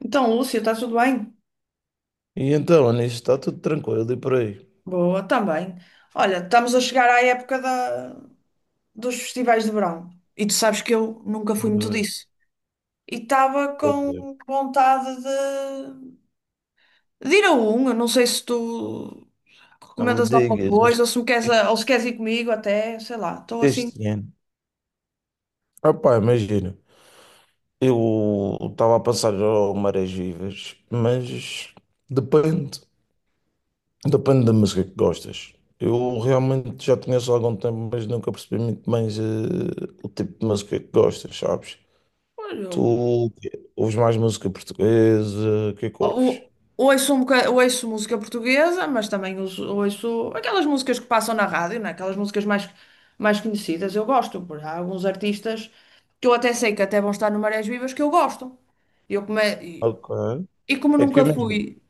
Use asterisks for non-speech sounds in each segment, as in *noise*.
Então, Lúcia, está tudo bem? E então, Anis, está tudo tranquilo e por aí. Boa, também. Olha, estamos a chegar à dos festivais de verão. E tu sabes que eu nunca fui muito Pois, disso. E estava pois é. com vontade de ir a um. Eu não sei se tu Não me recomendas alguma digas, coisa este, ou se me queres, este- a- ou se queres ir comigo até, sei lá. Estou assim. Ano. Opá, imagina, eu estava a passar ao Marés Vivas, mas depende, depende da música que gostas. Eu realmente já conheço há algum tempo, mas nunca percebi muito bem o tipo de música que gostas, sabes? Tu Eu ouves mais música portuguesa, o que é que ouves? O- Ouço, ouço música portuguesa, mas também ouço aquelas músicas que passam na rádio, né? Aquelas músicas mais conhecidas. Eu gosto, porque há alguns artistas que eu até sei que até vão estar no Marés Vivas que eu gosto. E Ok. Como É que eu nunca mesmo. fui,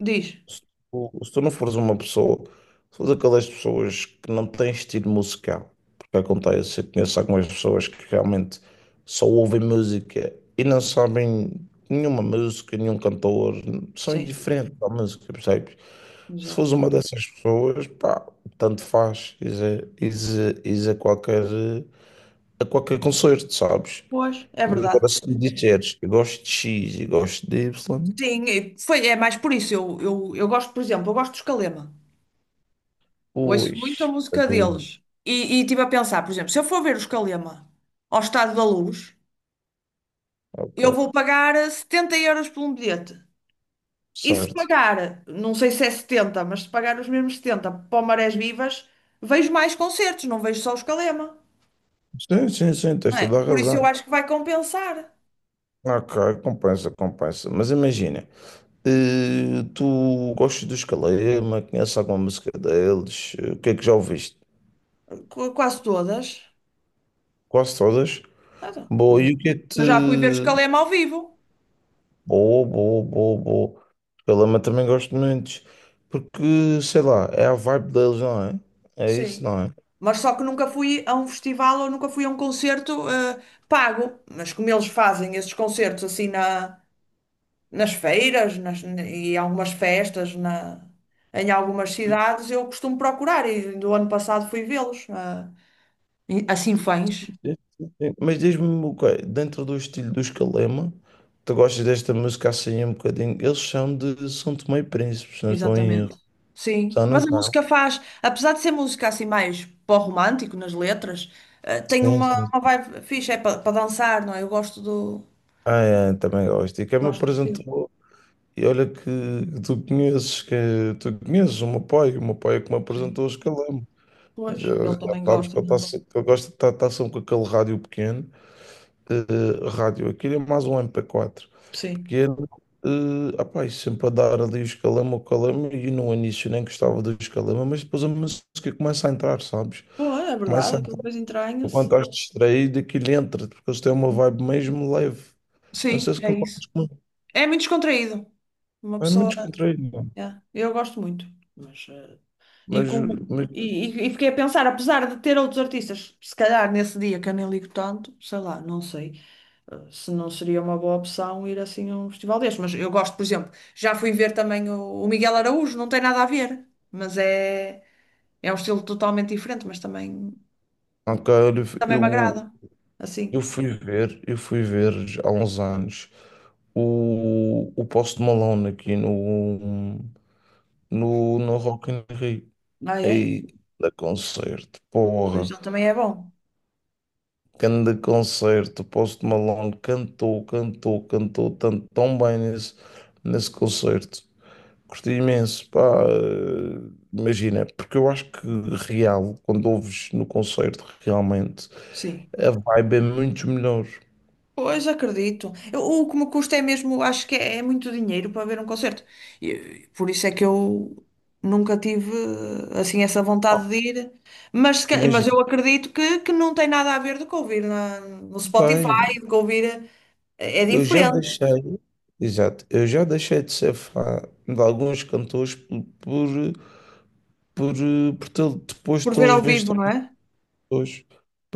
diz. Se se tu não fores uma pessoa, se fores aquelas pessoas que não têm estilo musical, porque acontece, eu conheço algumas pessoas que realmente só ouvem música e não sabem nenhuma música, nenhum cantor, são Sim, indiferentes à música, percebes? Se fores exato. uma dessas pessoas, pá, tanto faz, is a, is a- is a qualquer concerto, sabes? Pois, é Mas verdade. agora se me disseres, eu gosto de X e gosto de Y, Sim, e é mais por isso. Eu gosto, por exemplo, eu gosto dos Calema. Ouço muito a pois, música para deles. mim, E estive a pensar, por exemplo, se eu for ver os Calema ao Estádio da Luz. Eu ok. vou pagar 70 euros por um bilhete. E se Certo. pagar, não sei se é 70, mas se pagar os mesmos 70, para o Marés Vivas, vejo mais concertos, não vejo só os Calema. Sim, sim, sim, Não tens é? toda a Por isso eu razão. acho que vai compensar. Ok, compensa. Mas imagina, tu gostas dos Calema, conheces alguma música deles? O que é que já ouviste? Quase todas. Quase todas? Ah, tá, Boa, e conheço. o que é que te. Eu já fui ver os Calema ao vivo, Boa, boa, boa, boa. Calema também gosto muito. Porque, sei lá, é a vibe deles, não é? É isso, sim. não é? Mas só que nunca fui a um festival ou nunca fui a um concerto pago. Mas como eles fazem esses concertos assim, nas feiras e algumas festas em algumas cidades, eu costumo procurar e do ano passado fui vê-los, ah, assim fãs, Sim, sim. Mas diz-me, uma coisa, dentro do estilo dos Calema, tu gostas desta música assim um bocadinho? Eles são de São Tomé e Príncipe, se não estou em exatamente. erro. Sim, São, não mas a são? música faz, apesar de ser música assim mais pó-romântico nas letras, ah, tem Sim, sim. uma vibe fixe, é para dançar, não é? Ah, é, também gosto. E quem me Gosto do estilo, apresentou, e olha que tu conheces, que Tu conheces o meu pai é que me apresentou sim. os Calema. Pois, ele Já também sabes gosta, que eu, não tá, é? se- que eu gosto de estar, tá sempre com aquele rádio pequeno, rádio, aquilo é mais um MP4. Sim. Pequeno, opá, e sempre a dar ali o escalama, o calama, e no início nem gostava do escalama, mas depois a música começa a entrar, sabes? Pô, é verdade, Começa a aquilo entrar. depois entranha-se. Enquanto estás distraído, aquilo entra, porque eles têm uma vibe mesmo leve. Não Sim, sei se é concordas isso. comigo. É muito descontraído. Uma É pessoa. muito descontraído, mano. Yeah, eu gosto muito. Mas, e, mas, como- mas e- e fiquei a pensar, apesar de ter outros artistas, se calhar nesse dia que eu nem ligo tanto, sei lá, não sei, se não seria uma boa opção ir assim a um festival deste. Mas eu gosto, por exemplo, já fui ver também o Miguel Araújo, não tem nada a ver, mas é um estilo totalmente diferente, mas também, cara, também me eu, agrada. Assim. Eu fui ver há uns anos o Post Malone aqui no, no, no Rock in Rio. Ah, é? Aí, da concerto, Pois porra. ele também é bom. Grande concerto, Post Malone cantou tanto, tão nesse concerto. Curti imenso, pá, imagina, porque eu acho que real, quando ouves no concerto, realmente, Sim. a vibe é muito melhor. Pois acredito. O que me custa é mesmo, acho que é muito dinheiro para ver um concerto. E, por isso é que eu nunca tive assim essa vontade Oh, de ir. Mas, se ca- mas imagina, eu acredito que não tem nada a ver do que ouvir no bem, Spotify, do que ouvir. É, é eu já diferente deixei, exato, eu já deixei de ser fã de alguns cantores por depois de por ver ao tê-los vivo, visto não é? hoje,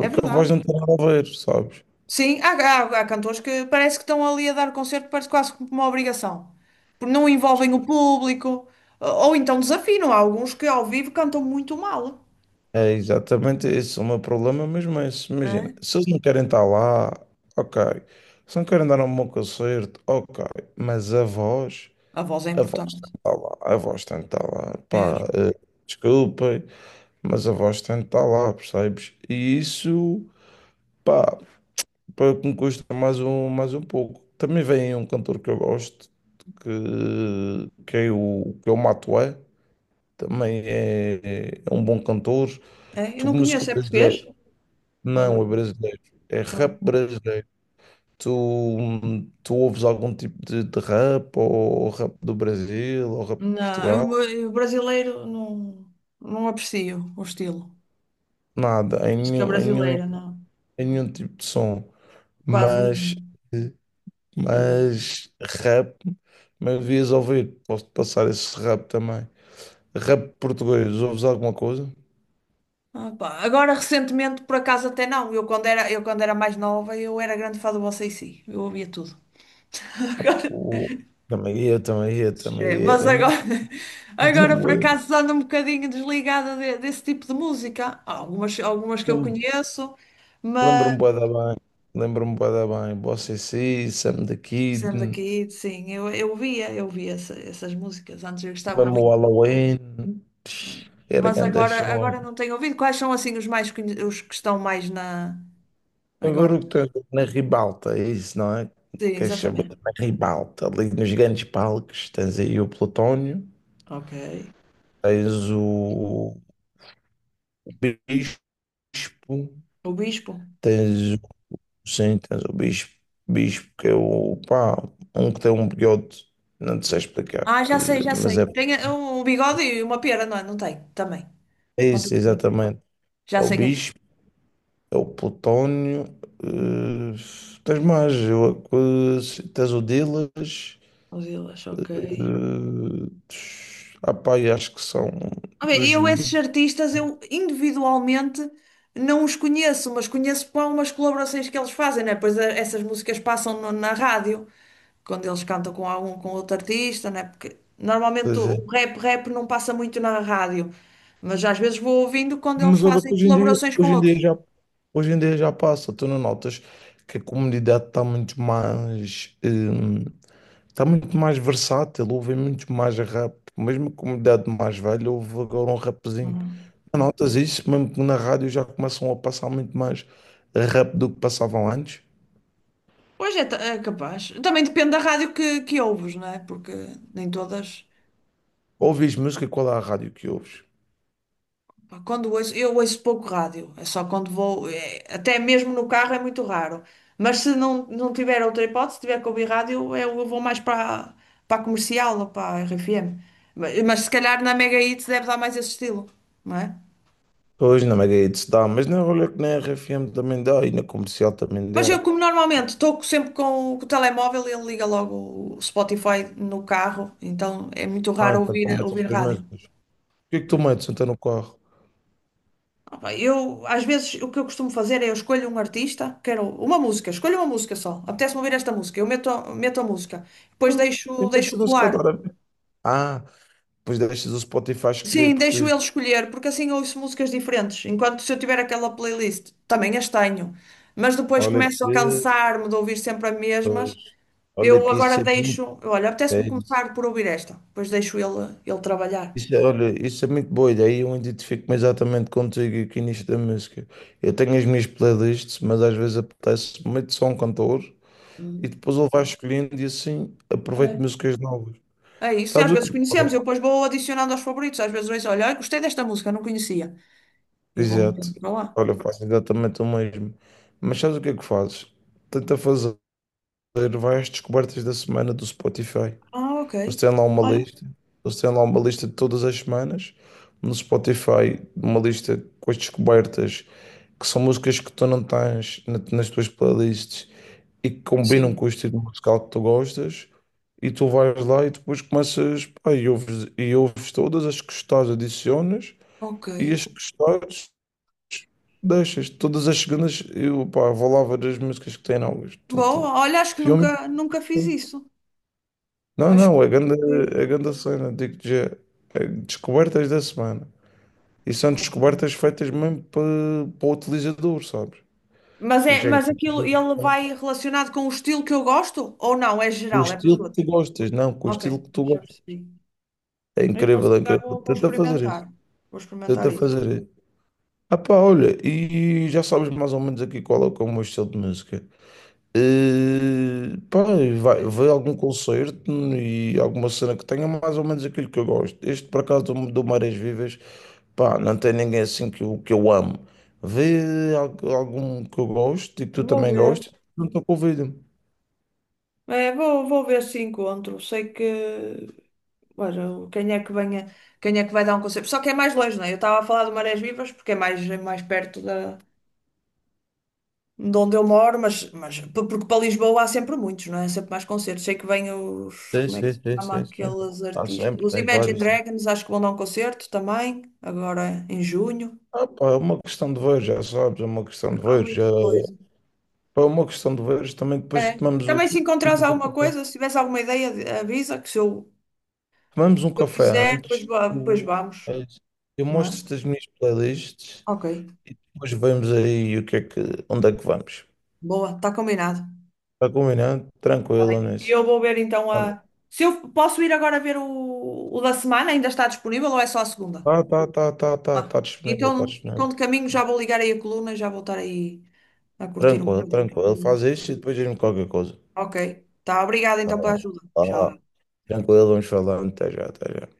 É a verdade. voz não tem nada a ver, sabes? Sim, há cantores que parece que estão ali a dar concerto, parece quase como uma obrigação. Porque não envolvem o público, ou então desafinam. Há alguns que ao vivo cantam muito mal. É exatamente esse é o meu problema, mas imagina, É? se eles não querem estar lá, ok. Se não querem dar um bom concerto, ok. Mas a voz, A voz é a voz importante, tem que estar lá, a voz tem que estar lá. Pá, mesmo. Desculpem, mas a voz tem que estar lá, percebes? E isso, pá, para que me custa mais um pouco. Também vem um cantor que eu gosto, que, que é o Matué, também é, é um bom cantor de É, eu não música conheço, é brasileira. português ou é Não, é americano? brasileiro. É rap Não, brasileiro. Tu, tu ouves algum tipo de rap, ou rap do Brasil, ou rap de Portugal? Eu brasileiro não, não aprecio o estilo. Nada, Música brasileira, não. em nenhum tipo de som. Quase Mas, nenhum. Mas- mas rap, mas devias ouvir. Posso passar esse rap também. Rap português, ouves alguma coisa? Ah, pá, agora, recentemente, por acaso, até não. Eu, quando era mais nova, eu era grande fã do Você e dc. Eu ouvia tudo. *laughs* Oh, também eu, também eu, também Agora, é, eu. Ainda, agora, por me acaso, ando um bocadinho desligada desse tipo de música. Há algumas, algumas que eu lembro- conheço. Lembro-me bué da bem. Lembro-me bué da bem. Boa CC, Sam the Kid, Fizemos aqui, sim, eu via essas músicas, antes eu gostava mesmo o muito. Halloween. Né? Era Mas grande agora, show. agora não tenho ouvido. Quais são assim os mais os que estão mais na Agora agora? o que tens na ribalta, é isso, não é? Sim, Queres saber exatamente. na ribalta? Ali nos grandes palcos tens aí o Plutónio, Ok. tens o Bispo, O Bispo. tens, o- sim, tens o Bispo. Bispo que é o, pá, um que tem um bigode, não te sei explicar, Ah, já sei, já mas sei. é Tem um bigode e uma pera, não é? Não tem, também. é Uma pera. isso, exatamente. Já É o sei quem é. Bispo. É o Plutónio. eh, tens mais. Eu, tens o Dilas. Os Ilhas, ok. eh, pá, e acho que são Ah, bem, dos eu, esses Beatles, artistas, eu individualmente não os conheço, mas conheço para umas colaborações que eles fazem, né? Pois essas músicas passam na rádio, quando eles cantam com algum, com outro artista, né? Porque normalmente é. o rap, rap não passa muito na rádio, mas às vezes vou ouvindo quando eles Mas olha que fazem colaborações com outros. Hoje em dia já passa. Tu não notas que a comunidade está muito mais. Está muito mais versátil, ouvem muito mais rap. Mesmo a comunidade mais velha, ouve agora um rapzinho. Hum. Notas isso, mesmo que na rádio já começam a passar muito mais rápido do que passavam antes. Pois é, é capaz. Também depende da rádio que ouves, né? Porque nem todas. Ouves música, qual é a rádio que ouves? Pá, quando ouço, eu ouço pouco rádio, é só quando vou, é, até mesmo no carro é muito raro. Mas se não, não tiver outra hipótese, tiver que ouvir rádio, eu vou mais para a comercial ou para a RFM. Mas se calhar na Mega Hits deve dar mais esse estilo, não é? Pois na Mega se dá, mas na olha que na R F M também dá e na comercial também Mas dá. eu, como normalmente estou sempre com com o telemóvel, ele liga logo o Spotify no carro, então é muito Ah, raro então tu ouvir, metes as ouvir tuas rádio. músicas. O que é que tu metes então no carro? Opa, eu, às vezes, o que eu costumo fazer é eu escolho um artista, quero uma música, escolho uma música só. Apetece-me ouvir esta música, eu meto, meto a música. Depois Ah, deixo, eu deixo meto música rolar. agora. Ah, depois deixas o Spotify escolher Sim, por deixo ti. ele escolher, porque assim eu ouço músicas diferentes. Enquanto se eu tiver aquela playlist, também as tenho. Mas depois Olha começo a que, cansar-me de ouvir sempre as mesmas. pois, olha Eu que agora isso é muito. deixo, olha, apetece-me começar por ouvir esta, depois deixo ele trabalhar. Isso, olha, isso é muito boa ideia. Eu identifico-me exatamente contigo aqui nisto da música. Eu tenho as minhas playlists, mas às vezes apetece muito só um cantor e Hum, depois ele vai escolhendo e assim aproveito é. músicas novas. É isso, e às Sabes o que é vezes que conhecemos, eu fazes? depois vou adicionando aos favoritos, às vezes vejo, olha, olha, gostei desta música, não conhecia. E vamos Exato. para lá. Olha, eu faço exatamente o mesmo. Mas sabes o que é que fazes? Tenta fazer, vai às descobertas da semana do Spotify. Ah, ok. Eles têm lá uma Olha, lista, eles têm lá uma lista de todas as semanas no Spotify, uma lista com as descobertas, que são músicas que tu não tens nas tuas playlists e que combinam sim, com o estilo musical que tu gostas, e tu vais lá e depois começas, pá, e ouves todas as que gostares, adicionas, ok. e as que gostares, deixas. Todas as segundas eu, pá, vou lá ver as músicas que têm novas. Boa, olha, acho que Filme. nunca, nunca fiz isso. Não, Acho que não, nunca fui. a grande cena, digo-te já, é descobertas da semana. E são Ok. descobertas feitas mesmo para, para o utilizador, sabes? Mas, E é, já mas aquilo, encontrei ele vai relacionado com o estilo que eu gosto? Ou não? É com o geral, é para estilo que todos. tu gostas, não, com o Ok, estilo que tu já gostas. percebi. É Então, se incrível, é calhar incrível. vou, vou Tenta fazer experimentar. isso, Vou experimentar tenta isso. fazer isso. Ah pá, olha, e já sabes mais ou menos aqui que é o meu estilo de música. Pá, e Sim. vai algum concerto e alguma cena que tenha mais ou menos aquilo que eu gosto. Este, por acaso, do Marés Vivas, pá, não tem ninguém assim que que eu amo. Vê algum que eu gosto e que tu Vou também ver. gostes, não estou convido. É, vou, vou ver se encontro. Sei que. Ora, quem é que venha, quem é que vai dar um concerto? Só que é mais longe, não é? Eu estava a falar do Marés Vivas porque é mais perto de onde eu moro, mas, mas porque para Lisboa há sempre muitos, não é? Há sempre mais concertos. Sei que vêm os, Sim, como é que sim, se sim, chama sim, sim. aqueles Há artistas? sempre, Os tens Imagine vários. Sim. Dragons, acho que vão dar um concerto também, agora em junho. Ah, pá, é uma questão de ver, já sabes, é uma questão de Há ver. Já... muita coisa. pá, é uma questão de ver, também depois É. tomamos o. Também se encontrares alguma *laughs* coisa, se tiveres alguma ideia, avisa que Tomamos um se eu café quiser, depois, antes, depois vamos, eu não é? mostro-te as minhas playlists Ok, e depois vemos aí o que é que, onde é que vamos. boa, está combinado. Está combinado? Tá Tranquilo bem. E nisso. eu vou ver então Olha, a. Se eu posso ir agora ver o da semana, ainda está disponível ou é só a segunda? Ah, tá disponível, tá então, então disponível. de caminho já vou ligar aí a coluna e já vou estar aí a curtir um Tranquilo, tranquilo. bocadinho. Faz isto e depois diz-me qualquer coisa. Ok. Tá, obrigada Tá então pela bom. ajuda. Tá Tchau. lá. Até a Tranquilo, próxima. vamos falando. Até já, até já.